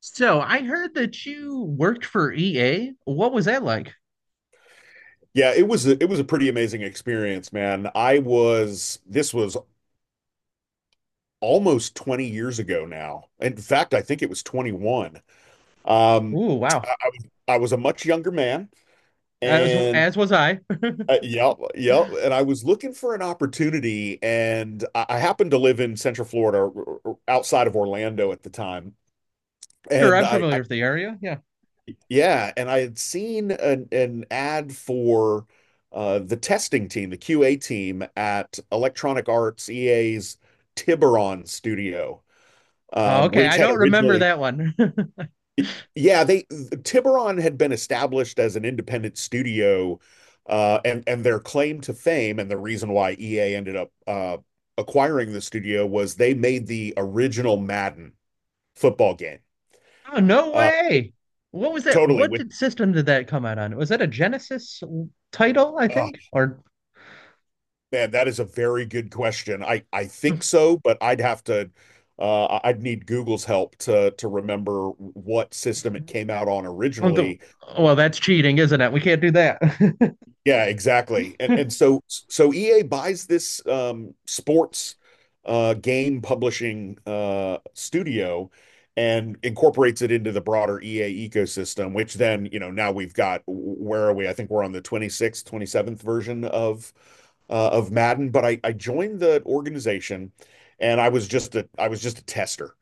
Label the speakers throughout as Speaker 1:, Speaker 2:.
Speaker 1: So I heard that you worked for EA. What was that like?
Speaker 2: Yeah, it was a pretty amazing experience, man. I was this was almost 20 years ago now. In fact, I think it was 21. Um,
Speaker 1: Ooh, wow.
Speaker 2: I was I was a much younger man,
Speaker 1: As
Speaker 2: and
Speaker 1: as was I.
Speaker 2: I was looking for an opportunity, and I happened to live in Central Florida, or outside of Orlando at the time,
Speaker 1: Sure,
Speaker 2: and
Speaker 1: I'm familiar
Speaker 2: I
Speaker 1: with the area. Yeah.
Speaker 2: Yeah, and I had seen an ad for the testing team, the QA team at Electronic Arts, EA's Tiburon studio,
Speaker 1: Oh, okay.
Speaker 2: which
Speaker 1: I
Speaker 2: had
Speaker 1: don't remember
Speaker 2: originally,
Speaker 1: that one.
Speaker 2: yeah, they Tiburon had been established as an independent studio, and their claim to fame and the reason why EA ended up acquiring the studio was they made the original Madden football game.
Speaker 1: Oh, no
Speaker 2: Uh,
Speaker 1: way. What was that?
Speaker 2: totally
Speaker 1: What
Speaker 2: with.
Speaker 1: did system did that come out on? Was that a Genesis title, I
Speaker 2: Uh,
Speaker 1: think? Or
Speaker 2: Man, that is a very good question. I think so, but I'd have to I'd need Google's help to remember what system it came out on originally.
Speaker 1: well, that's cheating, isn't it? We can't do that.
Speaker 2: Yeah, exactly. And and so so EA buys this sports game publishing studio and incorporates it into the broader EA ecosystem, which then, you know, now we've got, where are we? I think we're on the 26th, 27th version of Madden, but I joined the organization and I was just a tester.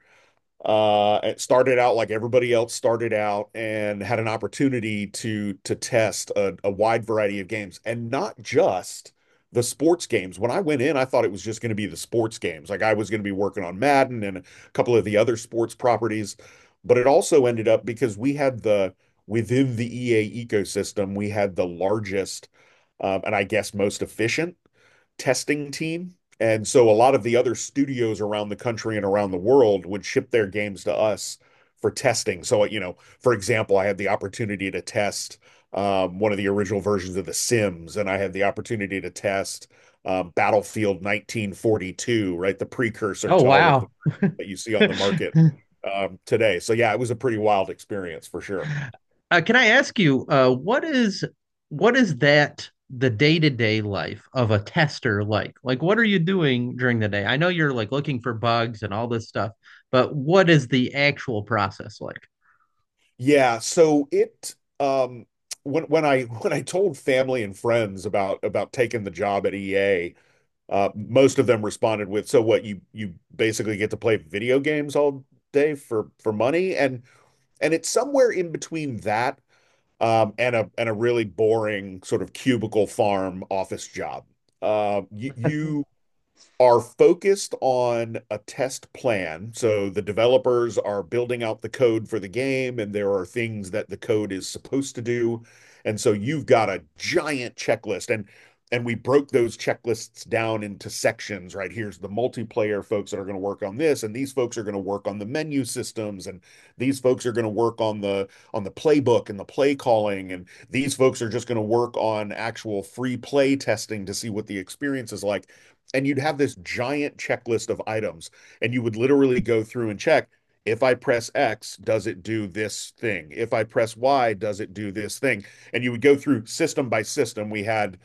Speaker 2: It started out like everybody else started out, and had an opportunity to test a wide variety of games and not just the sports games. When I went in I thought it was just going to be the sports games, like I was going to be working on Madden and a couple of the other sports properties, but it also ended up, because we had the, within the EA ecosystem we had the largest, and I guess most efficient, testing team. And so a lot of the other studios around the country and around the world would ship their games to us for testing. So, you know, for example, I had the opportunity to test one of the original versions of The Sims, and I had the opportunity to test Battlefield 1942, right? The precursor
Speaker 1: Oh,
Speaker 2: to all of the
Speaker 1: wow.
Speaker 2: that you see on the market today. So, yeah, it was a pretty wild experience for sure.
Speaker 1: Can I ask you, what is that the day to day life of a tester like? Like, what are you doing during the day? I know you're like looking for bugs and all this stuff, but what is the actual process like?
Speaker 2: Yeah, so it, um when I when I told family and friends about taking the job at EA, most of them responded with, "So what, you basically get to play video games all day for money?" And it's somewhere in between that and a, and a really boring sort of cubicle farm office job. You are focused on a test plan. So the developers are building out the code for the game, and there are things that the code is supposed to do. And so you've got a giant checklist. And we broke those checklists down into sections, right? Here's the multiplayer folks that are going to work on this, and these folks are going to work on the menu systems, and these folks are going to work on the playbook and the play calling, and these folks are just going to work on actual free play testing to see what the experience is like. And you'd have this giant checklist of items, and you would literally go through and check, if I press X does it do this thing, if I press Y does it do this thing. And you would go through system by system. We had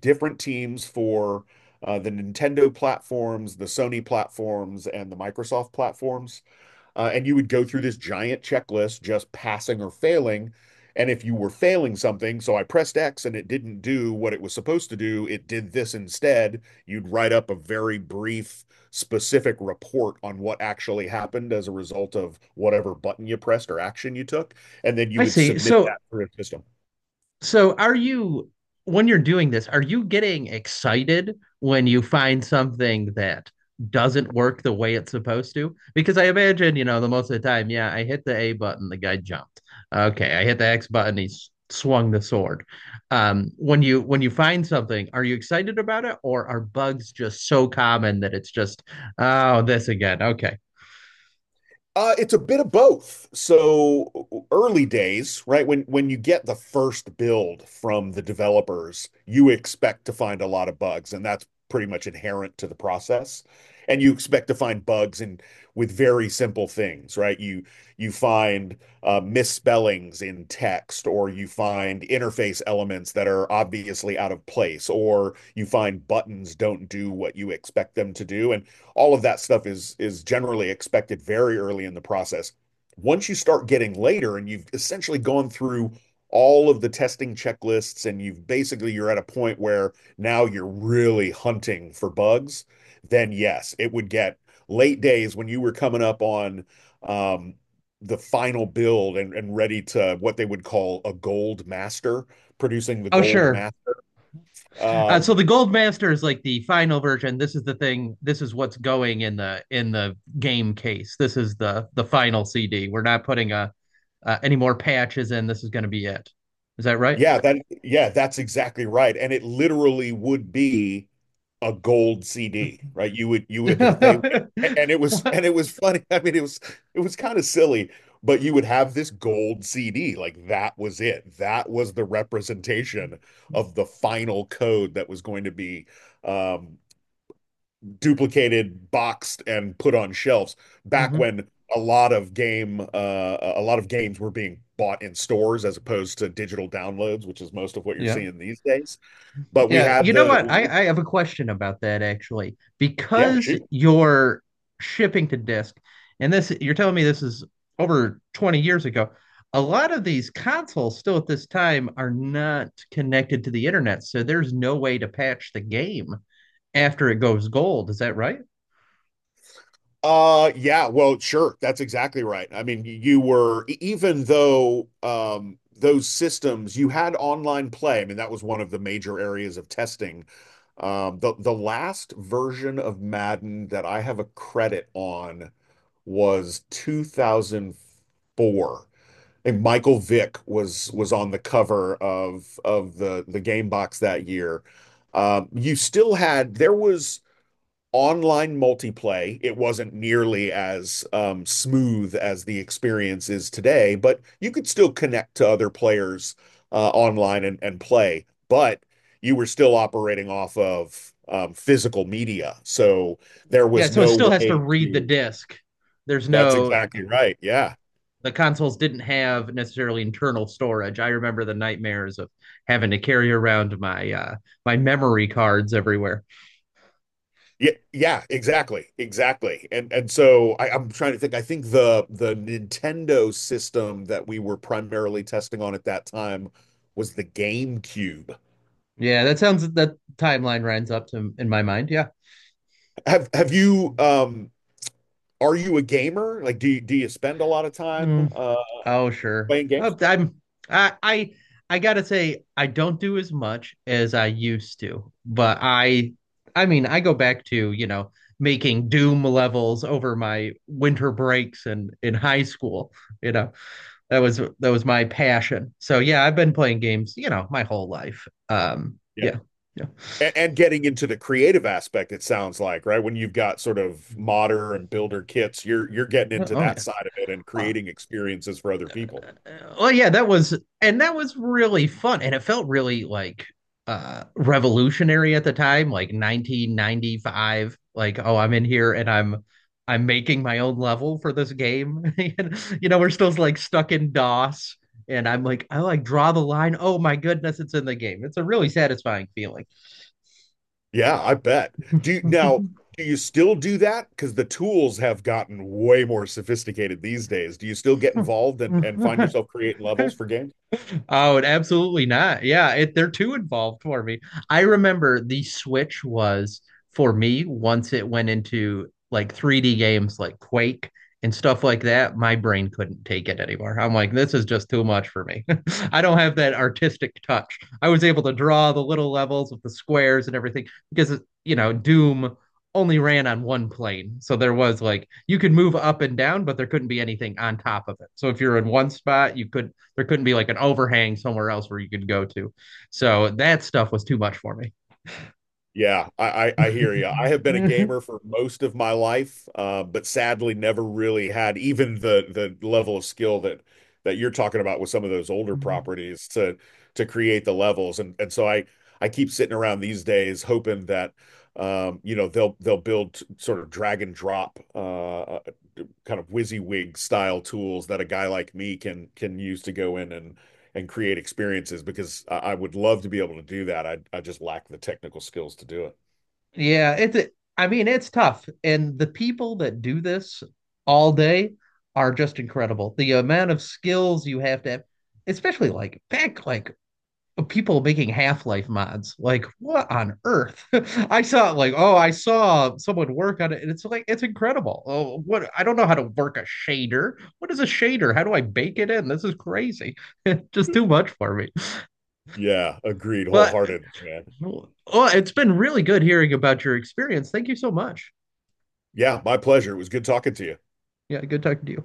Speaker 2: different teams for the Nintendo platforms, the Sony platforms, and the Microsoft platforms, and you would go through this giant checklist, just passing or failing. And if you were failing something, so I pressed X and it didn't do what it was supposed to do, it did this instead, you'd write up a very brief, specific report on what actually happened as a result of whatever button you pressed or action you took. And then you
Speaker 1: I
Speaker 2: would
Speaker 1: see.
Speaker 2: submit that
Speaker 1: So
Speaker 2: through a system.
Speaker 1: So are you, when you're doing this, are you getting excited when you find something that doesn't work the way it's supposed to? Because I imagine, the most of the time, yeah, I hit the A button, the guy jumped. Okay, I hit the X button, he's swung the sword. When you when you find something, are you excited about it, or are bugs just so common that it's just, oh, this again? Okay.
Speaker 2: It's a bit of both. So early days, right? When you get the first build from the developers, you expect to find a lot of bugs, and that's pretty much inherent to the process. And you expect to find bugs in with very simple things, right? You find misspellings in text, or you find interface elements that are obviously out of place, or you find buttons don't do what you expect them to do. And all of that stuff is generally expected very early in the process. Once you start getting later and you've essentially gone through all of the testing checklists, and you've basically, you're at a point where now you're really hunting for bugs, then yes, it would get. Late days when you were coming up on um, the final build and ready to what they would call a gold master, producing the
Speaker 1: Oh,
Speaker 2: gold
Speaker 1: sure.
Speaker 2: master.
Speaker 1: So
Speaker 2: Um,
Speaker 1: the Gold Master is like the final version. This is the thing. This is what's going in the game case. This is the final CD. We're not putting a any more patches in. This is going to be it. Is that right?
Speaker 2: Yeah, that's exactly right. And it literally would be a gold CD, right? You would they, and it was,
Speaker 1: What?
Speaker 2: and it was funny. I mean, it was, it was kind of silly, but you would have this gold CD. Like, that was it. That was the representation of the final code that was going to be um duplicated, boxed, and put on shelves back
Speaker 1: Hmm.
Speaker 2: when a lot of games were being bought in stores as opposed to digital downloads, which is most of what you're
Speaker 1: Yeah.
Speaker 2: seeing these days. But we
Speaker 1: Yeah,
Speaker 2: had
Speaker 1: you know
Speaker 2: the
Speaker 1: what? I, I have a question about that actually.
Speaker 2: yeah,
Speaker 1: Because
Speaker 2: shoot.
Speaker 1: you're shipping to disk, and this you're telling me this is over 20 years ago, a lot of these consoles still at this time are not connected to the internet, so there's no way to patch the game after it goes gold. Is that right?
Speaker 2: Yeah, well sure, that's exactly right. I mean, you were even though those systems, you had online play. I mean, that was one of the major areas of testing. The last version of Madden that I have a credit on was 2004. I think Michael Vick was on the cover of the game box that year. You still had, there was online multiplay. It wasn't nearly as smooth as the experience is today, but you could still connect to other players online and play. But you were still operating off of physical media, so there
Speaker 1: Yeah,
Speaker 2: was
Speaker 1: so it still
Speaker 2: no
Speaker 1: has to
Speaker 2: way
Speaker 1: read the
Speaker 2: to,
Speaker 1: disk. There's
Speaker 2: that's
Speaker 1: no
Speaker 2: exactly right. Yeah.
Speaker 1: the consoles didn't have necessarily internal storage. I remember the nightmares of having to carry around my my memory cards everywhere.
Speaker 2: Yeah, yeah, exactly. Exactly. And so I, I'm trying to think. I think the Nintendo system that we were primarily testing on at that time was the GameCube.
Speaker 1: Yeah, that sounds that timeline runs up to in my mind. Yeah.
Speaker 2: Have you are you a gamer? Like, do you spend a lot of
Speaker 1: Hmm.
Speaker 2: time
Speaker 1: Oh, sure.
Speaker 2: playing
Speaker 1: Oh,
Speaker 2: games?
Speaker 1: I'm I I I gotta say I don't do as much as I used to, but I mean I go back to, you know, making Doom levels over my winter breaks and in high school. You know, that was my passion. So yeah, I've been playing games, you know, my whole life.
Speaker 2: Yeah.
Speaker 1: Yeah, yeah.
Speaker 2: And getting into the creative aspect, it sounds like, right? When you've got sort of modder and builder kits, you're getting
Speaker 1: Oh
Speaker 2: into
Speaker 1: oh,
Speaker 2: that
Speaker 1: yeah.
Speaker 2: side of it and
Speaker 1: Ah,
Speaker 2: creating experiences for other people.
Speaker 1: uh, Oh, well, yeah, that was and that was really fun, and it felt really like revolutionary at the time, like 1995. Like, oh, I'm in here and I'm making my own level for this game. And, you know, we're still like stuck in DOS. And I'm like, I like draw the line. Oh my goodness, it's in the game. It's a really satisfying feeling.
Speaker 2: Yeah, I bet. Do you, now, do you still do that? Because the tools have gotten way more sophisticated these days. Do you still get involved and find yourself creating levels for games?
Speaker 1: Oh, and absolutely not. Yeah, it, they're too involved for me. I remember the Switch was for me once it went into like 3D games like Quake and stuff like that, my brain couldn't take it anymore. I'm like, this is just too much for me. I don't have that artistic touch. I was able to draw the little levels with the squares and everything because, you know, Doom only ran on one plane. So there was like you could move up and down, but there couldn't be anything on top of it. So if you're in one spot, you could there couldn't be like an overhang somewhere else where you could go to. So that stuff was too much for me.
Speaker 2: Yeah, I hear you. I have been a gamer for most of my life, but sadly never really had even the level of skill that that you're talking about with some of those older properties to create the levels. And so I keep sitting around these days hoping that you know, they'll build sort of drag and drop kind of WYSIWYG style tools that a guy like me can use to go in and create experiences, because I would love to be able to do that. I just lack the technical skills to do it.
Speaker 1: Yeah, it's a, I mean, it's tough. And the people that do this all day are just incredible. The amount of skills you have to have, especially like back like people making half-life mods, like what on earth. I saw like, oh, I saw someone work on it and it's like it's incredible. Oh, what, I don't know how to work a shader. What is a shader? How do I bake it in? This is crazy. Just too much for me.
Speaker 2: Yeah, agreed
Speaker 1: But
Speaker 2: wholeheartedly, man.
Speaker 1: well, it's been really good hearing about your experience. Thank you so much.
Speaker 2: Yeah, my pleasure. It was good talking to you.
Speaker 1: Yeah, good talking to you.